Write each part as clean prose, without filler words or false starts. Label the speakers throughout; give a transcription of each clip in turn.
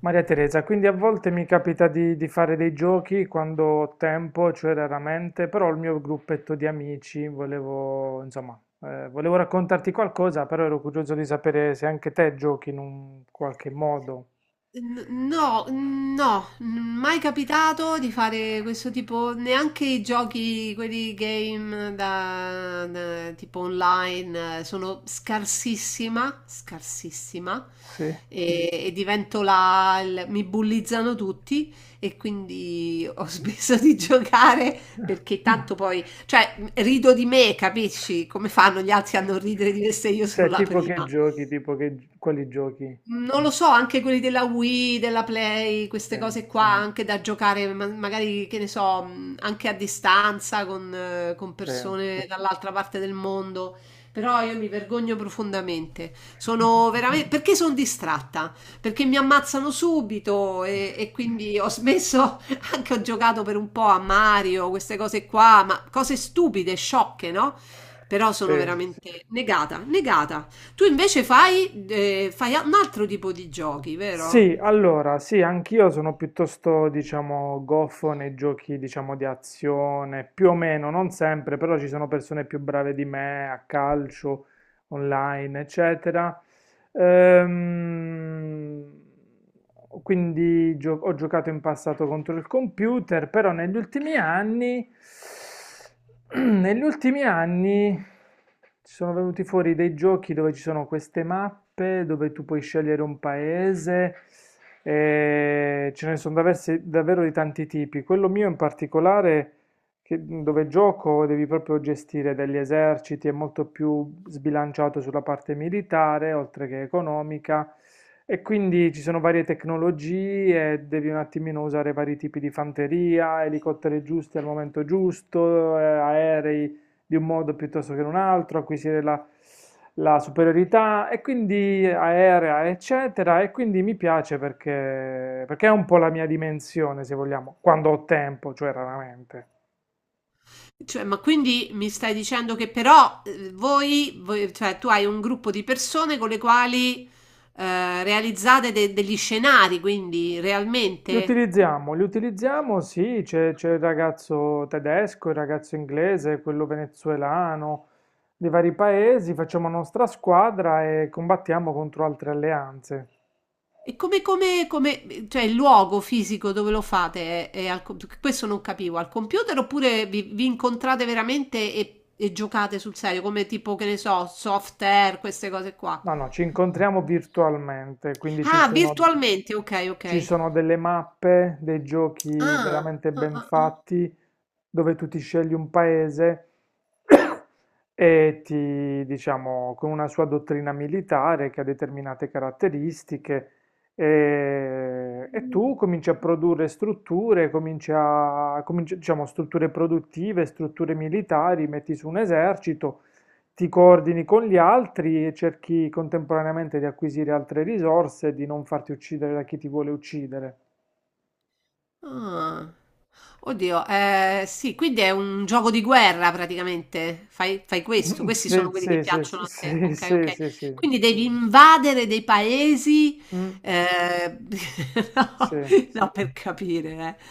Speaker 1: Maria Teresa, quindi a volte mi capita di fare dei giochi quando ho tempo, cioè raramente, però il mio gruppetto di amici volevo raccontarti qualcosa, però ero curioso di sapere se anche te giochi in un qualche modo.
Speaker 2: No, no, mai capitato di fare questo tipo, neanche i giochi, quelli game da tipo online, sono scarsissima, scarsissima
Speaker 1: Sì.
Speaker 2: e divento mi bullizzano tutti e quindi ho smesso di giocare perché tanto poi, cioè rido di me, capisci? Come fanno gli altri a non ridere di me se io sono
Speaker 1: Cioè,
Speaker 2: la
Speaker 1: tipo che
Speaker 2: prima?
Speaker 1: giochi, tipo che, quali giochi?
Speaker 2: Non lo so, anche quelli della Wii, della Play,
Speaker 1: Sì,
Speaker 2: queste cose qua, anche da giocare, magari, che ne so, anche a distanza con
Speaker 1: sì,
Speaker 2: persone dall'altra parte del mondo. Però io mi vergogno profondamente. Sono veramente. Perché sono distratta? Perché mi ammazzano subito e quindi ho smesso, anche ho giocato per un po' a Mario, queste cose qua, ma cose stupide, sciocche, no? Però sono
Speaker 1: sì.
Speaker 2: veramente negata, negata. Tu invece fai un altro tipo di giochi, vero?
Speaker 1: Sì, allora, sì, anch'io sono piuttosto, diciamo, goffo nei giochi, diciamo, di azione, più o meno, non sempre, però ci sono persone più brave di me a calcio, online, eccetera. Ehm, quindi ho giocato in passato contro il computer, però negli ultimi anni, negli ultimi anni ci sono venuti fuori dei giochi dove ci sono queste mappe, dove tu puoi scegliere un paese. E ce ne sono davvero di tanti tipi. Quello mio in particolare dove gioco devi proprio gestire degli eserciti, è molto più sbilanciato sulla parte militare, oltre che economica, e quindi ci sono varie tecnologie, devi un attimino usare vari tipi di fanteria, elicotteri giusti al momento giusto, aerei di un modo piuttosto che in un altro, acquisire la, la superiorità e quindi aerea, eccetera. E quindi mi piace perché, perché è un po' la mia dimensione, se vogliamo, quando ho tempo, cioè raramente.
Speaker 2: Cioè, ma quindi mi stai dicendo che però cioè tu hai un gruppo di persone con le quali realizzate degli scenari, quindi
Speaker 1: Li
Speaker 2: realmente?
Speaker 1: utilizziamo, li utilizziamo, sì, c'è il ragazzo tedesco, il ragazzo inglese, quello venezuelano, dei vari paesi, facciamo nostra squadra e combattiamo contro altre alleanze.
Speaker 2: E come, cioè il luogo fisico dove lo fate? È questo non capivo, al computer oppure vi incontrate veramente e giocate sul serio, come tipo, che ne so, soft air, queste cose qua?
Speaker 1: No, no, ci incontriamo virtualmente, quindi
Speaker 2: Ah, virtualmente, ok, ok.
Speaker 1: ci sono delle mappe, dei giochi
Speaker 2: Ah,
Speaker 1: veramente
Speaker 2: ah,
Speaker 1: ben
Speaker 2: ah, ah,
Speaker 1: fatti, dove tu ti scegli un paese e ti, diciamo, con una sua dottrina militare che ha determinate caratteristiche, e tu cominci a produrre strutture, diciamo, strutture produttive, strutture militari, metti su un esercito, ti coordini con gli altri e cerchi contemporaneamente di acquisire altre risorse e di non farti uccidere da chi ti vuole uccidere.
Speaker 2: ah. Oddio, sì, quindi è un gioco di guerra praticamente. Fai, fai questo, questi
Speaker 1: Sì,
Speaker 2: sono quelli
Speaker 1: sì,
Speaker 2: che
Speaker 1: sì, sì,
Speaker 2: piacciono a te.
Speaker 1: sì,
Speaker 2: Ok,
Speaker 1: sì,
Speaker 2: ok.
Speaker 1: sì, sì.
Speaker 2: Quindi devi invadere dei paesi.
Speaker 1: Mm,
Speaker 2: eh,
Speaker 1: sì.
Speaker 2: no, no, per capire.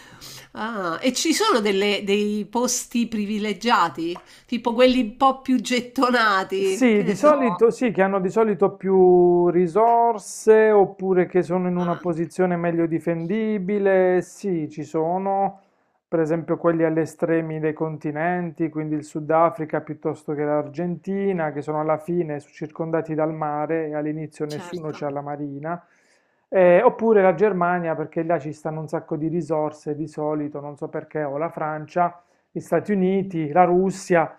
Speaker 2: Ah, e ci sono dei posti privilegiati, tipo quelli un po' più gettonati,
Speaker 1: Sì,
Speaker 2: che
Speaker 1: di
Speaker 2: ne so.
Speaker 1: solito sì, che hanno di solito più risorse oppure che sono in una
Speaker 2: Ah,
Speaker 1: posizione meglio difendibile. Sì, ci sono, per esempio quelli agli estremi dei continenti, quindi il Sudafrica piuttosto che l'Argentina, che sono alla fine circondati dal mare e all'inizio nessuno
Speaker 2: certo.
Speaker 1: c'ha la marina. Oppure la Germania, perché là ci stanno un sacco di risorse di solito, non so perché, o la Francia, gli Stati Uniti, la Russia,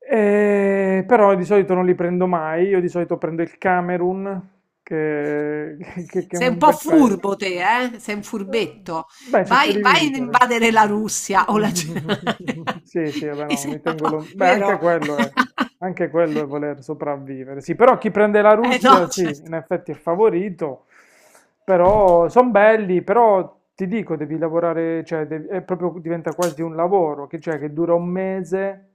Speaker 1: però di solito non li prendo mai, io di solito prendo il Camerun, che, che è
Speaker 2: Sei un
Speaker 1: un
Speaker 2: po'
Speaker 1: bel paese.
Speaker 2: furbo te, eh? Sei un
Speaker 1: Eh,
Speaker 2: furbetto.
Speaker 1: Beh, cerca di
Speaker 2: Vai, vai ad
Speaker 1: vincere.
Speaker 2: invadere la Russia o la Germania.
Speaker 1: Sì, sì, vabbè,
Speaker 2: Mi
Speaker 1: no,
Speaker 2: sembra un po'
Speaker 1: beh,
Speaker 2: vero?
Speaker 1: anche quello è voler sopravvivere. Sì, però chi prende la
Speaker 2: Eh no,
Speaker 1: Russia, sì,
Speaker 2: certo.
Speaker 1: in effetti è favorito, però sono belli, però ti dico, devi lavorare, cioè, è proprio, diventa quasi un lavoro, che, cioè, che dura un mese,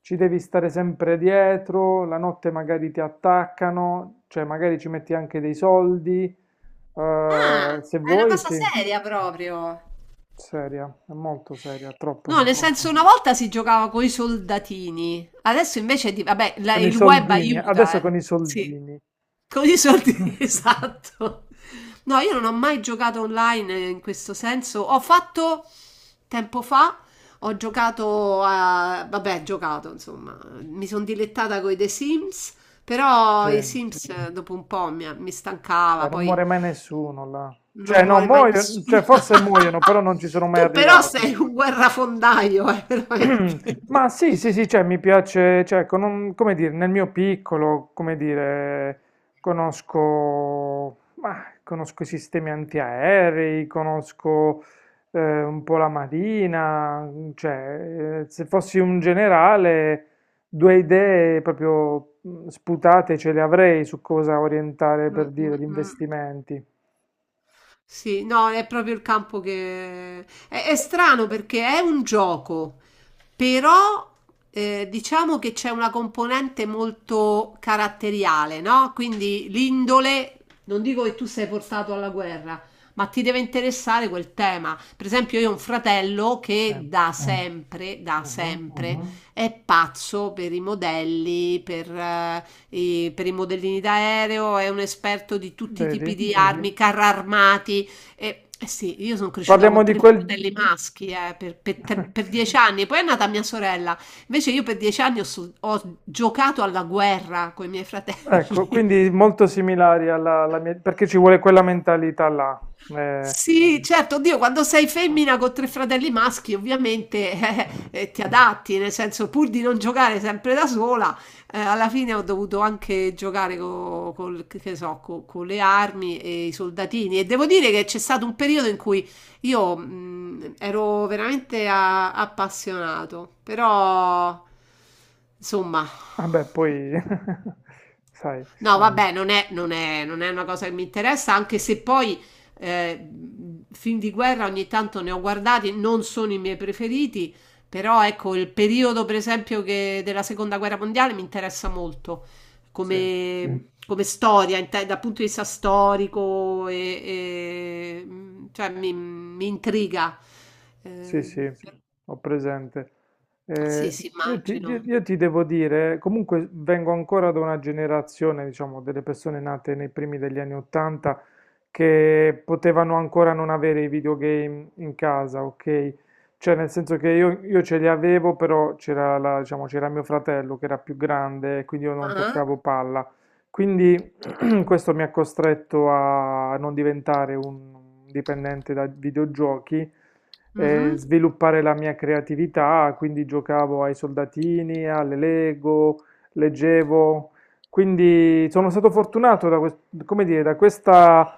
Speaker 1: ci devi stare sempre dietro, la notte magari ti attaccano, cioè, magari ci metti anche dei soldi, se
Speaker 2: Ah, è una
Speaker 1: vuoi,
Speaker 2: cosa
Speaker 1: sì.
Speaker 2: seria proprio.
Speaker 1: Seria, è molto seria, troppo
Speaker 2: No, nel
Speaker 1: seria.
Speaker 2: senso una volta si giocava con i soldatini, adesso invece di, vabbè,
Speaker 1: Con i
Speaker 2: il web
Speaker 1: soldini,
Speaker 2: aiuta,
Speaker 1: adesso
Speaker 2: eh.
Speaker 1: con i
Speaker 2: Sì.
Speaker 1: soldini.
Speaker 2: Con i soldi, esatto. No, io non ho mai giocato online in questo senso. Ho fatto tempo fa, ho giocato a, vabbè, giocato, insomma, mi sono dilettata con i The Sims,
Speaker 1: Sì.
Speaker 2: però i
Speaker 1: Beh,
Speaker 2: Sims dopo un po' mi stancava,
Speaker 1: non
Speaker 2: poi
Speaker 1: muore mai nessuno là. Cioè,
Speaker 2: non
Speaker 1: no,
Speaker 2: muore mai
Speaker 1: muoiono,
Speaker 2: nessuno.
Speaker 1: cioè, forse muoiono, però non ci sono mai
Speaker 2: Tu però
Speaker 1: arrivati.
Speaker 2: sei un guerrafondaio, veramente.
Speaker 1: Ma sì, sì, sì, cioè, mi piace, cioè, come dire, nel mio piccolo, come dire, conosco i sistemi antiaerei, conosco un po' la marina, cioè, se fossi un generale, due idee proprio sputate ce le avrei su cosa orientare
Speaker 2: Mm,
Speaker 1: per dire gli
Speaker 2: mm, mm.
Speaker 1: investimenti.
Speaker 2: Sì, no, è proprio il campo che. È strano perché è un gioco, però diciamo che c'è una componente molto caratteriale, no? Quindi l'indole, non dico che tu sei portato alla guerra, ma ti deve interessare quel tema. Per esempio, io ho un fratello
Speaker 1: Sì.
Speaker 2: che da
Speaker 1: Mhm.
Speaker 2: sempre, è pazzo per i modelli, per i modellini d'aereo, è un esperto di tutti i tipi
Speaker 1: Vedi?
Speaker 2: di armi, carri armati. E, eh sì, io sono cresciuta
Speaker 1: Parliamo
Speaker 2: con
Speaker 1: di
Speaker 2: tre
Speaker 1: quel...
Speaker 2: fratelli maschi eh, per, per tre- per 10 anni, poi è nata mia sorella. Invece io per 10 anni ho giocato alla guerra con i miei
Speaker 1: Ecco,
Speaker 2: fratelli.
Speaker 1: quindi molto similari alla, alla mia, perché ci vuole quella mentalità là. Eh,
Speaker 2: Sì, certo, oddio, quando sei femmina con tre fratelli maschi, ovviamente ti adatti, nel senso, pur di non giocare sempre da sola, alla fine ho dovuto anche giocare che so, con le armi e i soldatini. E devo dire che c'è stato un periodo in cui io ero veramente appassionato, però, insomma.
Speaker 1: vabbè, poi, sai,
Speaker 2: No, vabbè, non è una cosa che mi interessa, anche se poi eh, film di guerra ogni tanto ne ho guardati, non sono i miei preferiti, però ecco, il periodo per esempio della seconda guerra mondiale mi interessa molto
Speaker 1: sì.
Speaker 2: come storia, dal punto di vista storico, cioè mi intriga.
Speaker 1: Sì,
Speaker 2: Eh,
Speaker 1: sì, ho presente. Sì.
Speaker 2: sì, sì,
Speaker 1: Io
Speaker 2: immagino.
Speaker 1: io ti devo dire, comunque vengo ancora da una generazione, diciamo, delle persone nate nei primi degli anni 80 che potevano ancora non avere i videogame in casa, ok? Cioè, nel senso che io ce li avevo, però diciamo, c'era mio fratello che era più grande, quindi io non
Speaker 2: Ah,
Speaker 1: toccavo palla. Quindi questo mi ha costretto a non diventare un dipendente da videogiochi,
Speaker 2: mhm.
Speaker 1: sviluppare la mia creatività, quindi giocavo ai soldatini, alle Lego, leggevo, quindi sono stato fortunato da, come dire, da questa,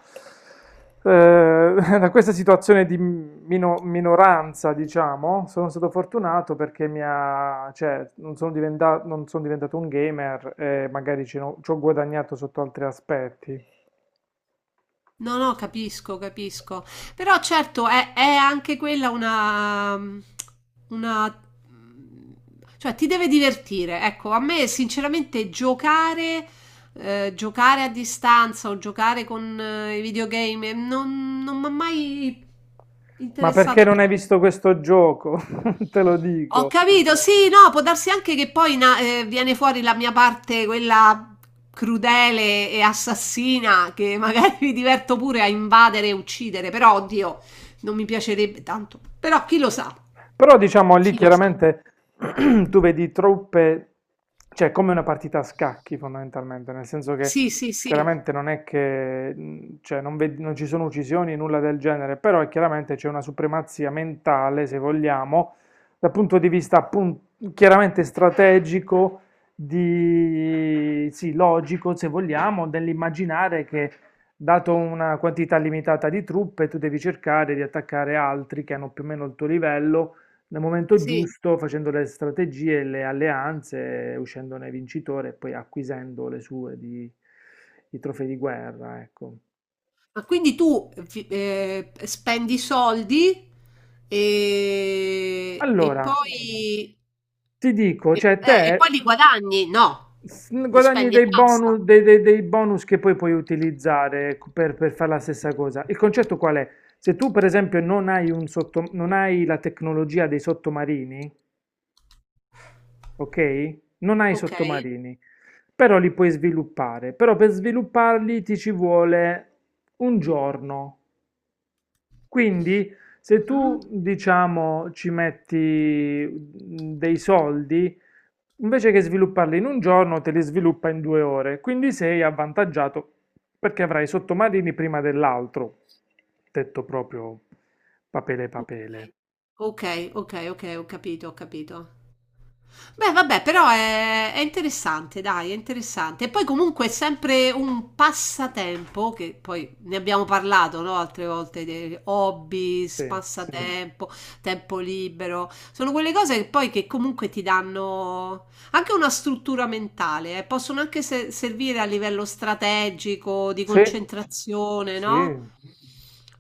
Speaker 1: eh, da questa situazione di minoranza, diciamo, sono stato fortunato perché mi ha, cioè, non sono diventato un gamer e magari ci ho guadagnato sotto altri aspetti.
Speaker 2: No, no, capisco, capisco. Però certo è anche quella una, una. Cioè ti deve divertire. Ecco, a me sinceramente giocare a distanza o giocare con i videogame non mi ha mai
Speaker 1: Ma perché
Speaker 2: interessato.
Speaker 1: non hai visto questo gioco? Te lo
Speaker 2: Ho
Speaker 1: dico.
Speaker 2: capito, sì, no, può darsi anche che poi viene fuori la mia parte, quella crudele e assassina, che magari mi diverto pure a invadere e uccidere, però oddio, non mi piacerebbe tanto. Però chi lo sa,
Speaker 1: Però diciamo lì
Speaker 2: chi lo sa.
Speaker 1: chiaramente tu vedi truppe, cioè è come una partita a scacchi fondamentalmente, nel senso che
Speaker 2: Sì, sì, sì,
Speaker 1: chiaramente non è che cioè, non ci sono uccisioni, nulla del genere, però è chiaramente c'è una supremazia mentale, se vogliamo, dal punto di vista chiaramente strategico, di, sì, logico, se vogliamo, dell'immaginare che dato una quantità limitata di truppe, tu devi cercare di attaccare altri che hanno più o meno il tuo livello nel momento
Speaker 2: sì.
Speaker 1: giusto, facendo le strategie e le alleanze, uscendone vincitore e poi acquisendo le sue di, i trofei di guerra, ecco.
Speaker 2: Ma quindi tu spendi soldi e, e
Speaker 1: Allora,
Speaker 2: poi,
Speaker 1: ti dico,
Speaker 2: e
Speaker 1: cioè
Speaker 2: eh, e poi li guadagni? No, li
Speaker 1: guadagni
Speaker 2: spendi e
Speaker 1: dei
Speaker 2: basta.
Speaker 1: bonus, dei bonus che poi puoi utilizzare per fare la stessa cosa. Il concetto qual è? Se tu, per esempio, non hai la tecnologia dei sottomarini, ok? Non hai i
Speaker 2: Ok.
Speaker 1: sottomarini, però li puoi sviluppare. Però per svilupparli ti ci vuole un giorno. Quindi se
Speaker 2: Mhm.
Speaker 1: tu, diciamo, ci metti dei soldi, invece che svilupparli in un giorno, te li sviluppa in 2 ore. Quindi sei avvantaggiato perché avrai i sottomarini prima dell'altro. Detto proprio papele papele.
Speaker 2: Ok, ok, ok, ok, ho capito, ho capito. Beh, vabbè, però è interessante, dai, è interessante. E poi comunque è sempre un passatempo, che poi ne abbiamo parlato, no? Altre volte, dei hobby,
Speaker 1: Sì.
Speaker 2: passatempo, tempo libero. Sono quelle cose che comunque ti danno anche una struttura mentale. Possono anche servire a livello strategico, di
Speaker 1: Sì,
Speaker 2: concentrazione, no?
Speaker 1: sì.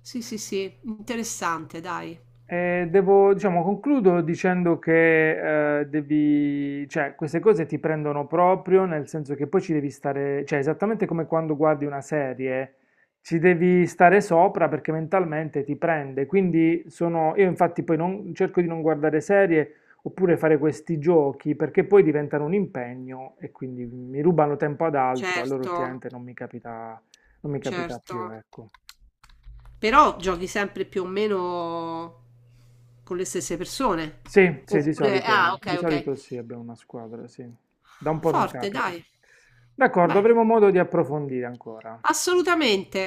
Speaker 2: Sì, sì, sì, interessante, dai.
Speaker 1: Devo, diciamo, concludo dicendo che devi, cioè, queste cose ti prendono proprio, nel senso che poi ci devi stare, cioè, esattamente come quando guardi una serie, ci devi stare sopra perché mentalmente ti prende. Quindi sono, io infatti poi non, cerco di non guardare serie oppure fare questi giochi perché poi diventano un impegno e quindi mi rubano tempo ad altro, allora
Speaker 2: Certo,
Speaker 1: ultimamente non mi capita, non mi capita
Speaker 2: certo.
Speaker 1: più, ecco.
Speaker 2: Però giochi sempre più o meno con le stesse persone.
Speaker 1: Sì, sì,
Speaker 2: Oppure, ah,
Speaker 1: di
Speaker 2: ok, ok.
Speaker 1: solito sì, abbiamo una squadra, sì. Da un po' non
Speaker 2: Forte,
Speaker 1: capita.
Speaker 2: dai.
Speaker 1: D'accordo,
Speaker 2: Beh,
Speaker 1: avremo modo di approfondire ancora.
Speaker 2: assolutamente.